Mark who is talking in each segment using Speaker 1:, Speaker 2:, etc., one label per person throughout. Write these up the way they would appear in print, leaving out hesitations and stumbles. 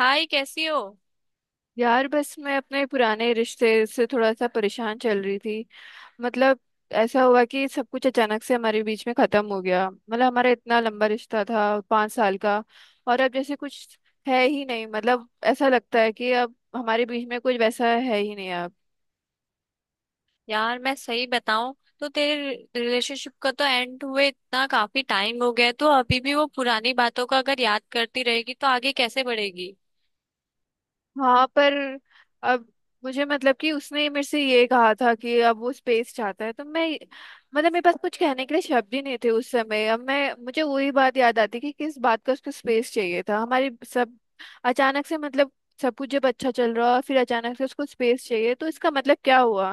Speaker 1: हाय, कैसी हो।
Speaker 2: यार बस मैं अपने पुराने रिश्ते से थोड़ा सा परेशान चल रही थी। मतलब ऐसा हुआ कि सब कुछ अचानक से हमारे बीच में खत्म हो गया। मतलब हमारा इतना लंबा रिश्ता था, पांच साल का, और अब जैसे कुछ है ही नहीं। मतलब ऐसा लगता है कि अब हमारे बीच में कुछ वैसा है ही नहीं।
Speaker 1: यार मैं सही बताऊं तो तेरे रिलेशनशिप का तो एंड हुए इतना काफी टाइम हो गया है, तो अभी भी वो पुरानी बातों का अगर याद करती रहेगी तो आगे कैसे बढ़ेगी।
Speaker 2: हाँ पर अब मुझे, मतलब कि उसने मेरे से ये कहा था कि अब वो स्पेस चाहता है, तो मैं, मतलब मेरे पास कुछ कहने के लिए शब्द ही नहीं थे उस समय। अब मैं मुझे वही बात याद आती कि किस बात का उसको स्पेस चाहिए था। हमारी सब अचानक से, मतलब सब कुछ जब अच्छा चल रहा और फिर अचानक से उसको स्पेस चाहिए, तो इसका मतलब क्या हुआ।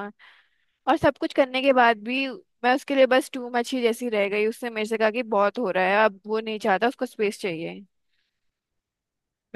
Speaker 2: और सब कुछ करने के बाद भी मैं उसके लिए बस टू मच ही जैसी रह गई। उसने मेरे से कहा कि बहुत हो रहा है, अब वो नहीं चाहता, उसको स्पेस चाहिए।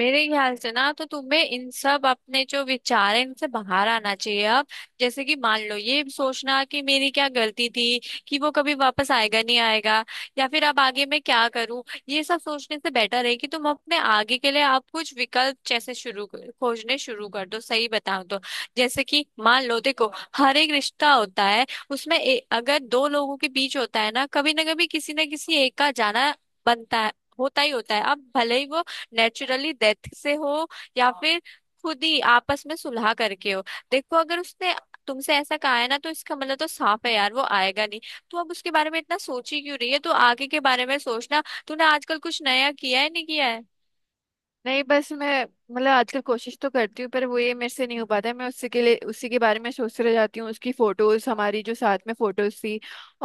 Speaker 1: मेरे ख्याल से ना तो तुम्हें इन सब अपने जो विचार है इनसे बाहर आना चाहिए अब। जैसे कि मान लो ये सोचना कि मेरी क्या गलती थी, कि वो कभी वापस आएगा नहीं आएगा, या फिर अब आगे मैं क्या करूं, ये सब सोचने से बेटर है कि तुम अपने आगे के लिए आप कुछ विकल्प जैसे खोजने शुरू कर दो, सही बताऊं तो। जैसे कि मान लो, देखो, हर एक रिश्ता होता है उसमें अगर दो लोगों के बीच होता है ना, कभी ना कभी किसी ना किसी एक का जाना बनता है, होता ही होता है। अब भले ही वो नेचुरली डेथ से हो, या फिर खुद ही आपस में सुलह करके हो। देखो अगर उसने तुमसे ऐसा कहा है ना तो इसका मतलब तो साफ है यार, वो आएगा नहीं। तो अब उसके बारे में इतना सोची क्यों रही है, तो आगे के बारे में सोचना। तूने आजकल कुछ नया किया है नहीं किया है।
Speaker 2: नहीं बस मैं, मतलब आजकल कोशिश तो करती हूँ पर वो ये मेरे से नहीं हो पाता है। मैं उसी के लिए, उसी के बारे में सोचते रह जाती हूँ, उसकी फोटोज, हमारी जो साथ में फोटोज थी,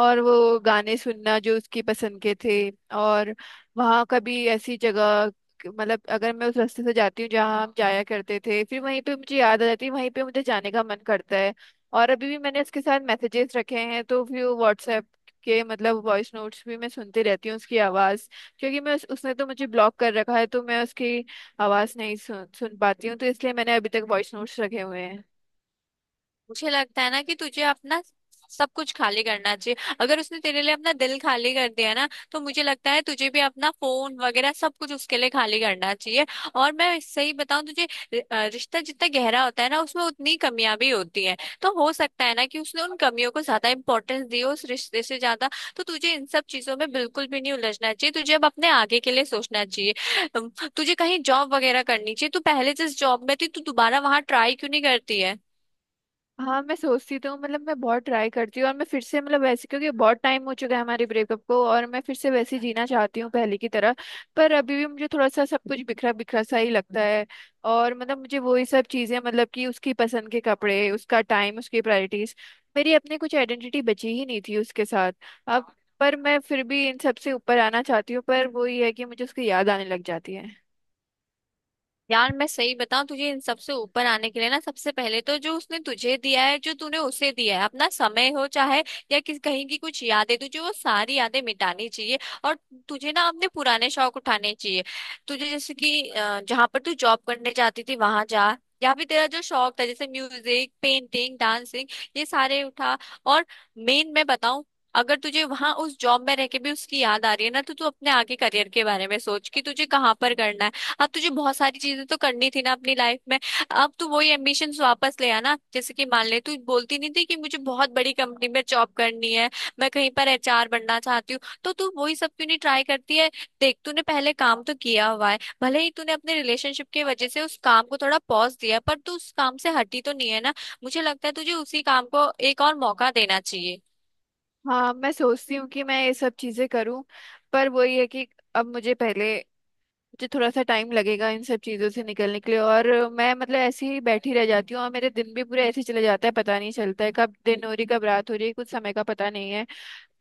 Speaker 2: और वो गाने सुनना जो उसकी पसंद के थे, और वहाँ कभी ऐसी जगह, मतलब अगर मैं उस रास्ते से जाती हूँ जहाँ हम जाया करते थे, फिर वहीं पे मुझे याद आ जाती है, वहीं पे मुझे जाने का मन करता है। और अभी भी मैंने उसके साथ मैसेजेस रखे हैं, तो फिर व्हाट्सएप के, मतलब वॉइस नोट्स भी मैं सुनती रहती हूँ, उसकी आवाज़, क्योंकि मैं उसने तो मुझे ब्लॉक कर रखा है, तो मैं उसकी आवाज नहीं सुन सुन पाती हूँ, तो इसलिए मैंने अभी तक वॉइस नोट्स रखे हुए हैं।
Speaker 1: मुझे लगता है ना कि तुझे अपना सब कुछ खाली करना चाहिए। अगर उसने तेरे लिए अपना दिल खाली कर दिया ना तो मुझे लगता है तुझे भी अपना फोन वगैरह सब कुछ उसके लिए खाली करना चाहिए। और मैं सही बताऊं तुझे, रिश्ता जितना गहरा होता है ना उसमें उतनी कमियां भी होती हैं। तो हो सकता है ना कि उसने उन कमियों को ज्यादा इंपॉर्टेंस दी हो उस रिश्ते से ज्यादा। तो तुझे इन सब चीजों में बिल्कुल भी नहीं उलझना चाहिए, तुझे अब अपने आगे के लिए सोचना चाहिए। अम, तुझे कहीं जॉब वगैरह करनी चाहिए। तू पहले जिस जॉब में थी तू दोबारा वहां ट्राई क्यों नहीं करती है।
Speaker 2: हाँ मैं सोचती तो हूँ, मतलब मैं बहुत ट्राई करती हूँ, और मैं फिर से, मतलब वैसे, क्योंकि बहुत टाइम हो चुका है हमारे ब्रेकअप को, और मैं फिर से वैसे ही जीना चाहती हूँ पहले की तरह। पर अभी भी मुझे थोड़ा सा सब कुछ बिखरा बिखरा सा ही लगता है। और मतलब मुझे वही सब चीज़ें, मतलब कि उसकी पसंद के कपड़े, उसका टाइम, उसकी प्रायोरिटीज, मेरी अपनी कुछ आइडेंटिटी बची ही नहीं थी उसके साथ। अब पर मैं फिर भी इन सब से ऊपर आना चाहती हूँ, पर वो ये है कि मुझे उसकी याद आने लग जाती है।
Speaker 1: यार मैं सही बताऊं, तुझे इन सब से ऊपर आने के लिए ना, सबसे पहले तो जो उसने तुझे दिया है, जो तूने उसे दिया है, अपना समय हो चाहे या किस कहीं की कुछ यादें, तुझे वो सारी यादें मिटानी चाहिए। और तुझे ना अपने पुराने शौक उठाने चाहिए। तुझे जैसे कि जहाँ पर तू जॉब करने जाती थी वहां जा। या फिर तेरा जो शौक था जैसे म्यूजिक, पेंटिंग, डांसिंग, ये सारे उठा। और मेन मैं बताऊं, अगर तुझे वहां उस जॉब में रह के भी उसकी याद आ रही है ना, तो तू अपने आगे करियर के बारे में सोच कि तुझे कहाँ पर करना है। अब तुझे बहुत सारी चीजें तो करनी थी ना अपनी लाइफ में। अब तू वही एम्बिशंस वापस ले आना। जैसे कि मान ले, तू बोलती नहीं थी कि मुझे बहुत बड़ी कंपनी में जॉब करनी है, मैं कहीं पर एचआर बनना चाहती हूँ, तो तू वही सब क्यों नहीं ट्राई करती है। देख तूने पहले काम तो किया हुआ है, भले ही तूने अपने रिलेशनशिप की वजह से उस काम को थोड़ा पॉज दिया पर तू उस काम से हटी तो नहीं है ना। मुझे लगता है तुझे उसी काम को एक और मौका देना चाहिए।
Speaker 2: हाँ मैं सोचती हूँ कि मैं ये सब चीजें करूँ, पर वही है कि अब मुझे पहले, मुझे थोड़ा सा टाइम लगेगा इन सब चीजों से निकलने के लिए। और मैं, मतलब ऐसे ही बैठी रह जाती हूँ और मेरे दिन भी पूरे ऐसे ही चले जाता है, पता नहीं चलता है कब दिन हो रही कब रात हो रही है, कुछ समय का पता नहीं है।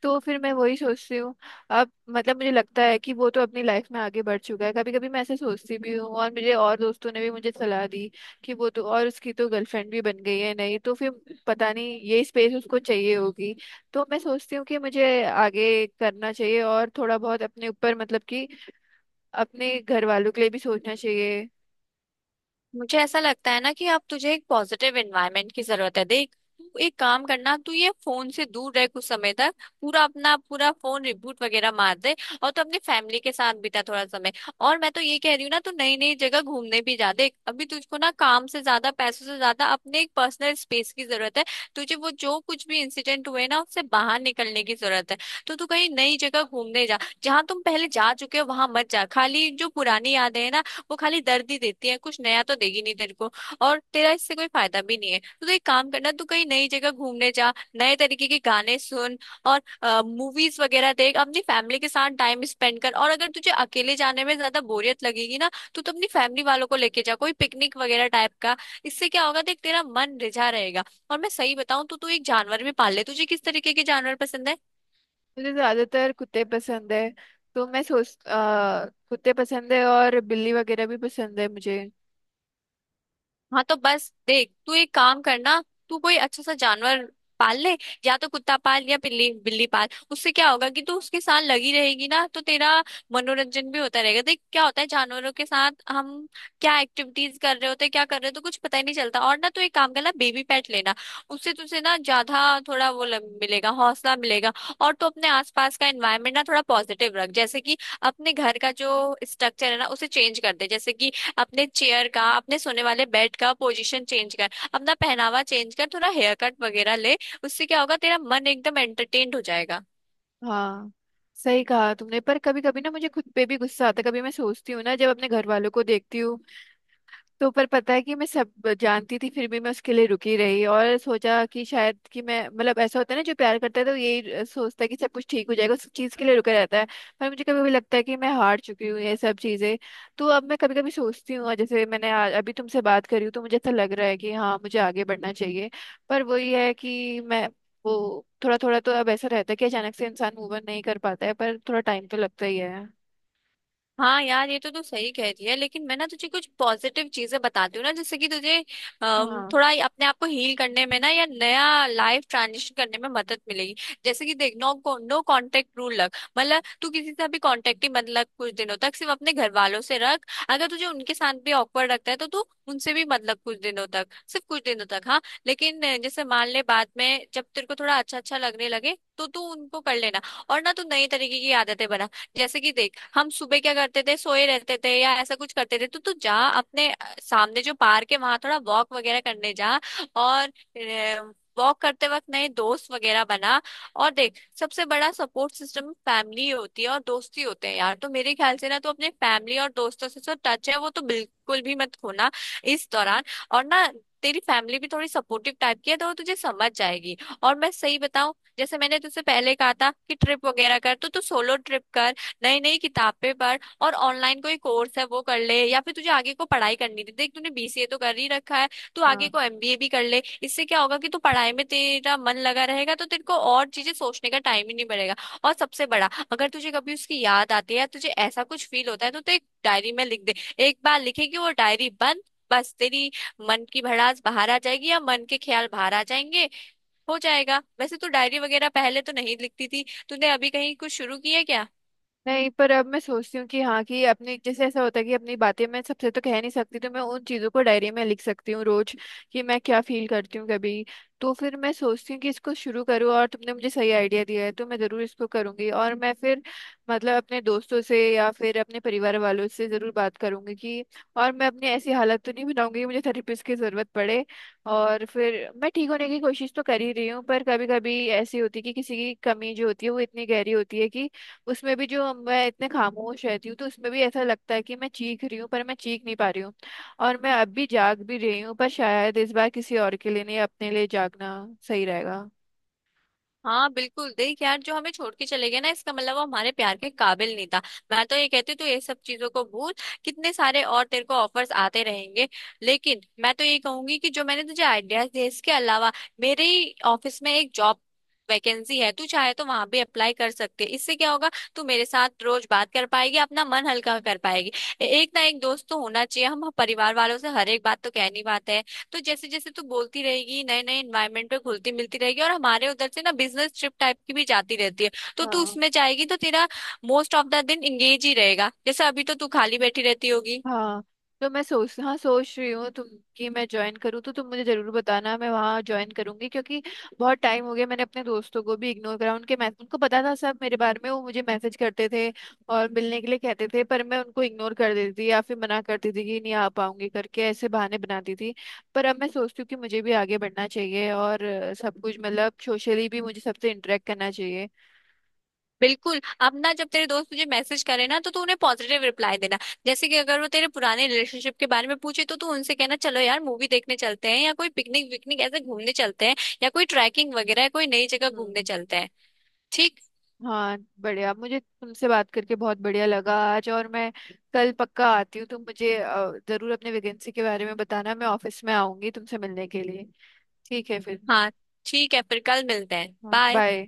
Speaker 2: तो फिर मैं वही सोचती हूँ, अब मतलब मुझे लगता है कि वो तो अपनी लाइफ में आगे बढ़ चुका है। कभी कभी मैं ऐसे सोचती भी हूँ, और मेरे और दोस्तों ने भी मुझे सलाह दी कि वो तो, और उसकी तो गर्लफ्रेंड भी बन गई है, नहीं तो फिर पता नहीं ये स्पेस उसको चाहिए होगी। तो मैं सोचती हूँ कि मुझे आगे करना चाहिए और थोड़ा बहुत अपने ऊपर, मतलब कि अपने घर वालों के लिए भी सोचना चाहिए।
Speaker 1: मुझे ऐसा लगता है ना कि अब तुझे एक पॉजिटिव एनवायरनमेंट की जरूरत है। देख, तू एक काम करना, तू ये फोन से दूर रह कुछ समय तक। पूरा अपना पूरा फोन रिबूट वगैरह मार दे। और तू अपनी फैमिली के साथ बिता थोड़ा समय। और मैं तो ये कह रही हूँ ना, तू नई नई जगह घूमने भी जा। देख अभी तुझको ना काम से ज्यादा, पैसों से ज्यादा, अपने एक पर्सनल स्पेस की जरूरत है। तुझे वो जो कुछ भी इंसिडेंट हुए ना उससे बाहर निकलने की जरूरत है। तो तू कहीं नई जगह घूमने जा। जहाँ तुम पहले जा चुके हो वहां मत जा, खाली जो पुरानी यादें हैं ना वो खाली दर्द ही देती है, कुछ नया तो देगी नहीं तेरे को। और तेरा इससे कोई फायदा भी नहीं है। तो तू एक काम करना, तू कहीं नई जगह घूमने जा, नए तरीके के गाने सुन, और मूवीज वगैरह देख, अपनी फैमिली के साथ टाइम स्पेंड कर। और अगर तुझे अकेले जाने में ज्यादा बोरियत लगेगी ना, तो तू तो अपनी फैमिली वालों को लेके जा, कोई पिकनिक वगैरह टाइप का। इससे क्या होगा, देख तेरा मन रिझा रहेगा। और मैं सही बताऊं तो तू तो एक जानवर भी पाल ले। तुझे किस तरीके के जानवर पसंद है।
Speaker 2: मुझे ज्यादातर कुत्ते पसंद है। तो मैं कुत्ते पसंद है और बिल्ली वगैरह भी पसंद है मुझे।
Speaker 1: हाँ, तो बस देख, तू एक काम करना, तू कोई अच्छा सा जानवर पाल ले। या तो कुत्ता पाल या बिल्ली, बिल्ली पाल। उससे क्या होगा कि तू उसके साथ लगी रहेगी ना तो तेरा मनोरंजन भी होता रहेगा। देख क्या होता है जानवरों के साथ, हम क्या एक्टिविटीज कर रहे होते हैं, क्या कर रहे होते हैं, तो कुछ पता ही नहीं चलता। और ना तू एक काम करना, बेबी पेट लेना। उससे तुझे ना ज्यादा थोड़ा वो मिलेगा, हौसला मिलेगा। और तू अपने आसपास का एनवायरमेंट ना थोड़ा पॉजिटिव रख। जैसे कि अपने घर का जो स्ट्रक्चर है ना उसे चेंज कर दे। जैसे कि अपने चेयर का, अपने सोने वाले बेड का पोजीशन चेंज कर, अपना पहनावा चेंज कर, थोड़ा हेयर कट वगैरह ले। उससे क्या होगा, तेरा मन एकदम एंटरटेन्ड हो जाएगा।
Speaker 2: हाँ सही कहा तुमने, पर कभी कभी ना मुझे खुद पे भी गुस्सा आता है, कभी मैं सोचती हूँ ना जब अपने घर वालों को देखती हूँ तो, पर पता है कि मैं सब जानती थी, फिर भी मैं उसके लिए रुकी रही और सोचा कि शायद कि मैं, मतलब ऐसा होता है ना, जो प्यार करता है तो यही सोचता है कि सब कुछ ठीक हो जाएगा, उस चीज़ के लिए रुका रहता है। पर मुझे कभी कभी लगता है कि मैं हार चुकी हूँ ये सब चीज़ें। तो अब मैं कभी कभी सोचती हूँ, और जैसे अभी तुमसे बात करी हूँ तो मुझे ऐसा लग रहा है कि हाँ मुझे आगे बढ़ना चाहिए। पर वही है कि मैं, वो थोड़ा थोड़ा तो अब ऐसा रहता है कि अचानक से इंसान मूव ऑन नहीं कर पाता है, पर थोड़ा टाइम तो लगता ही है।
Speaker 1: हाँ यार ये तो तू सही कह रही है, लेकिन मैं ना तुझे कुछ पॉजिटिव चीजें बताती हूँ ना, जैसे कि तुझे
Speaker 2: हाँ।
Speaker 1: थोड़ा ये अपने आप को हील करने में ना या नया लाइफ ट्रांजिशन करने में मदद मिलेगी। जैसे कि देख, नो नो कांटेक्ट रूल रख, मतलब तू किसी से भी कांटेक्ट ही मत रख कुछ दिनों तक। सिर्फ अपने घर वालों से रख, अगर तुझे उनके साथ भी ऑकवर्ड लगता है तो तू उनसे भी मत रख कुछ दिनों तक, सिर्फ कुछ दिनों तक, हाँ। लेकिन जैसे मान ले, बाद में जब तेरे को थोड़ा अच्छा अच्छा लगने लगे तो तू उनको कर लेना। और ना तू नई तरीके की आदतें बना। जैसे कि देख, हम सुबह क्या करते थे, सोए रहते थे या ऐसा कुछ करते थे, तो तू जा अपने सामने जो पार्क है वहां थोड़ा वॉक वगैरह करने जा। और वॉक करते वक्त नए दोस्त वगैरह बना। और देख सबसे बड़ा सपोर्ट सिस्टम फैमिली होती है और दोस्ती होते हैं यार। तो मेरे ख्याल से ना, तो अपने फैमिली और दोस्तों से जो टच है वो तो बिल्कुल भी मत खोना इस दौरान। और ना, तेरी फैमिली भी थोड़ी सपोर्टिव टाइप की है तो वो तुझे समझ जाएगी। और मैं सही बताऊं, जैसे मैंने तुझसे पहले कहा था कि ट्रिप वगैरह कर, तो तू सोलो ट्रिप कर, नई नई किताबें पढ़, और ऑनलाइन कोई कोर्स है वो कर ले। या फिर तुझे आगे को पढ़ाई करनी थी, देख तूने बीसीए तो कर ही रखा है, तू आगे
Speaker 2: हाँ।
Speaker 1: को एमबीए भी कर ले। इससे क्या होगा कि तू पढ़ाई में, तेरा मन लगा रहेगा तो तेरे को और चीजें सोचने का टाइम ही नहीं पड़ेगा। और सबसे बड़ा, अगर तुझे कभी उसकी याद आती है या तुझे ऐसा कुछ फील होता है तो तू एक डायरी में लिख दे। एक बार लिखेगी वो डायरी बंद, बस तेरी मन की भड़ास बाहर आ जाएगी या मन के ख्याल बाहर आ जाएंगे, हो जाएगा। वैसे तू डायरी वगैरह पहले तो नहीं लिखती थी, तूने अभी कहीं कुछ शुरू किया क्या।
Speaker 2: नहीं, पर अब मैं सोचती हूँ कि हाँ, कि अपनी जैसे, ऐसा होता है कि अपनी बातें मैं सबसे तो कह नहीं सकती, तो मैं उन चीज़ों को डायरी में लिख सकती हूँ रोज, कि मैं क्या फील करती हूँ कभी। तो फिर मैं सोचती हूँ कि इसको शुरू करूँ, और तुमने मुझे सही आइडिया दिया है, तो मैं ज़रूर इसको करूँगी। और मैं फिर, मतलब अपने दोस्तों से या फिर अपने परिवार वालों से ज़रूर बात करूँगी कि, और मैं अपनी ऐसी हालत तो नहीं बनाऊँगी कि मुझे थेरेपिस्ट की ज़रूरत पड़े। और फिर मैं ठीक होने की कोशिश तो कर ही रही हूँ, पर कभी कभी ऐसी होती है कि किसी की कमी जो होती है वो इतनी गहरी होती है कि उसमें भी, जो मैं इतने खामोश रहती हूँ तो उसमें भी ऐसा लगता है कि मैं चीख रही हूँ पर मैं चीख नहीं पा रही हूँ। और मैं अब भी जाग भी रही हूँ, पर शायद इस बार किसी और के लिए नहीं, अपने लिए जागना सही रहेगा।
Speaker 1: हाँ बिल्कुल। देख यार जो हमें छोड़ के चले गए ना, इसका मतलब वो हमारे प्यार के काबिल नहीं था। मैं तो ये कहती हूँ तू ये सब चीजों को भूल, कितने सारे और तेरे को ऑफर्स आते रहेंगे। लेकिन मैं तो ये कहूंगी कि जो मैंने तुझे आइडियाज दिए इसके अलावा, मेरे ही ऑफिस में एक जॉब वैकेंसी है, तू चाहे तो वहां भी अप्लाई कर सकती है। इससे क्या होगा, तू मेरे साथ रोज बात कर पाएगी, अपना मन हल्का कर पाएगी। एक ना एक दोस्त तो होना चाहिए, हम परिवार वालों से हर एक बात तो कह नहीं पाते हैं। तो जैसे जैसे तू बोलती रहेगी, नए नए एनवायरनमेंट पे घुलती मिलती रहेगी, और हमारे उधर से ना बिजनेस ट्रिप टाइप की भी जाती रहती है, तो तू
Speaker 2: हाँ।
Speaker 1: उसमें जाएगी तो तेरा मोस्ट ऑफ द दिन इंगेज ही रहेगा, जैसे अभी तो तू खाली बैठी रहती होगी।
Speaker 2: हाँ। तो मैं सोच रही हूँ तुम, कि मैं ज्वाइन करूँ तो तुम मुझे जरूर बताना, मैं वहाँ ज्वाइन करूंगी। क्योंकि बहुत टाइम हो गया, मैंने अपने दोस्तों को भी इग्नोर करा, उनके मैसेज, उनको पता था सब मेरे बारे में, वो मुझे मैसेज करते थे और मिलने के लिए कहते थे, पर मैं उनको इग्नोर कर देती थी या फिर मना करती थी कि नहीं आ पाऊंगी, करके ऐसे बहाने बनाती थी। पर अब मैं सोचती हूँ कि मुझे भी आगे बढ़ना चाहिए, और सब कुछ, मतलब सोशली भी मुझे सबसे इंटरेक्ट करना चाहिए।
Speaker 1: बिल्कुल। अब ना जब तेरे दोस्त तुझे मैसेज करे ना तो तू उन्हें पॉजिटिव रिप्लाई देना। जैसे कि अगर वो तेरे पुराने रिलेशनशिप के बारे में पूछे तो तू उनसे कहना चलो यार मूवी देखने चलते हैं, या कोई पिकनिक विकनिक ऐसे घूमने चलते हैं, या कोई ट्रैकिंग वगैरह कोई नई जगह घूमने
Speaker 2: हम्म।
Speaker 1: चलते हैं। ठीक।
Speaker 2: हाँ बढ़िया, मुझे तुमसे बात करके बहुत बढ़िया लगा आज। और मैं कल पक्का आती हूँ, तुम मुझे जरूर अपने वैकेंसी के बारे में बताना, मैं ऑफिस में आऊंगी तुमसे मिलने के लिए। ठीक है फिर।
Speaker 1: हाँ, ठीक है फिर, कल मिलते हैं,
Speaker 2: हाँ
Speaker 1: बाय।
Speaker 2: बाय।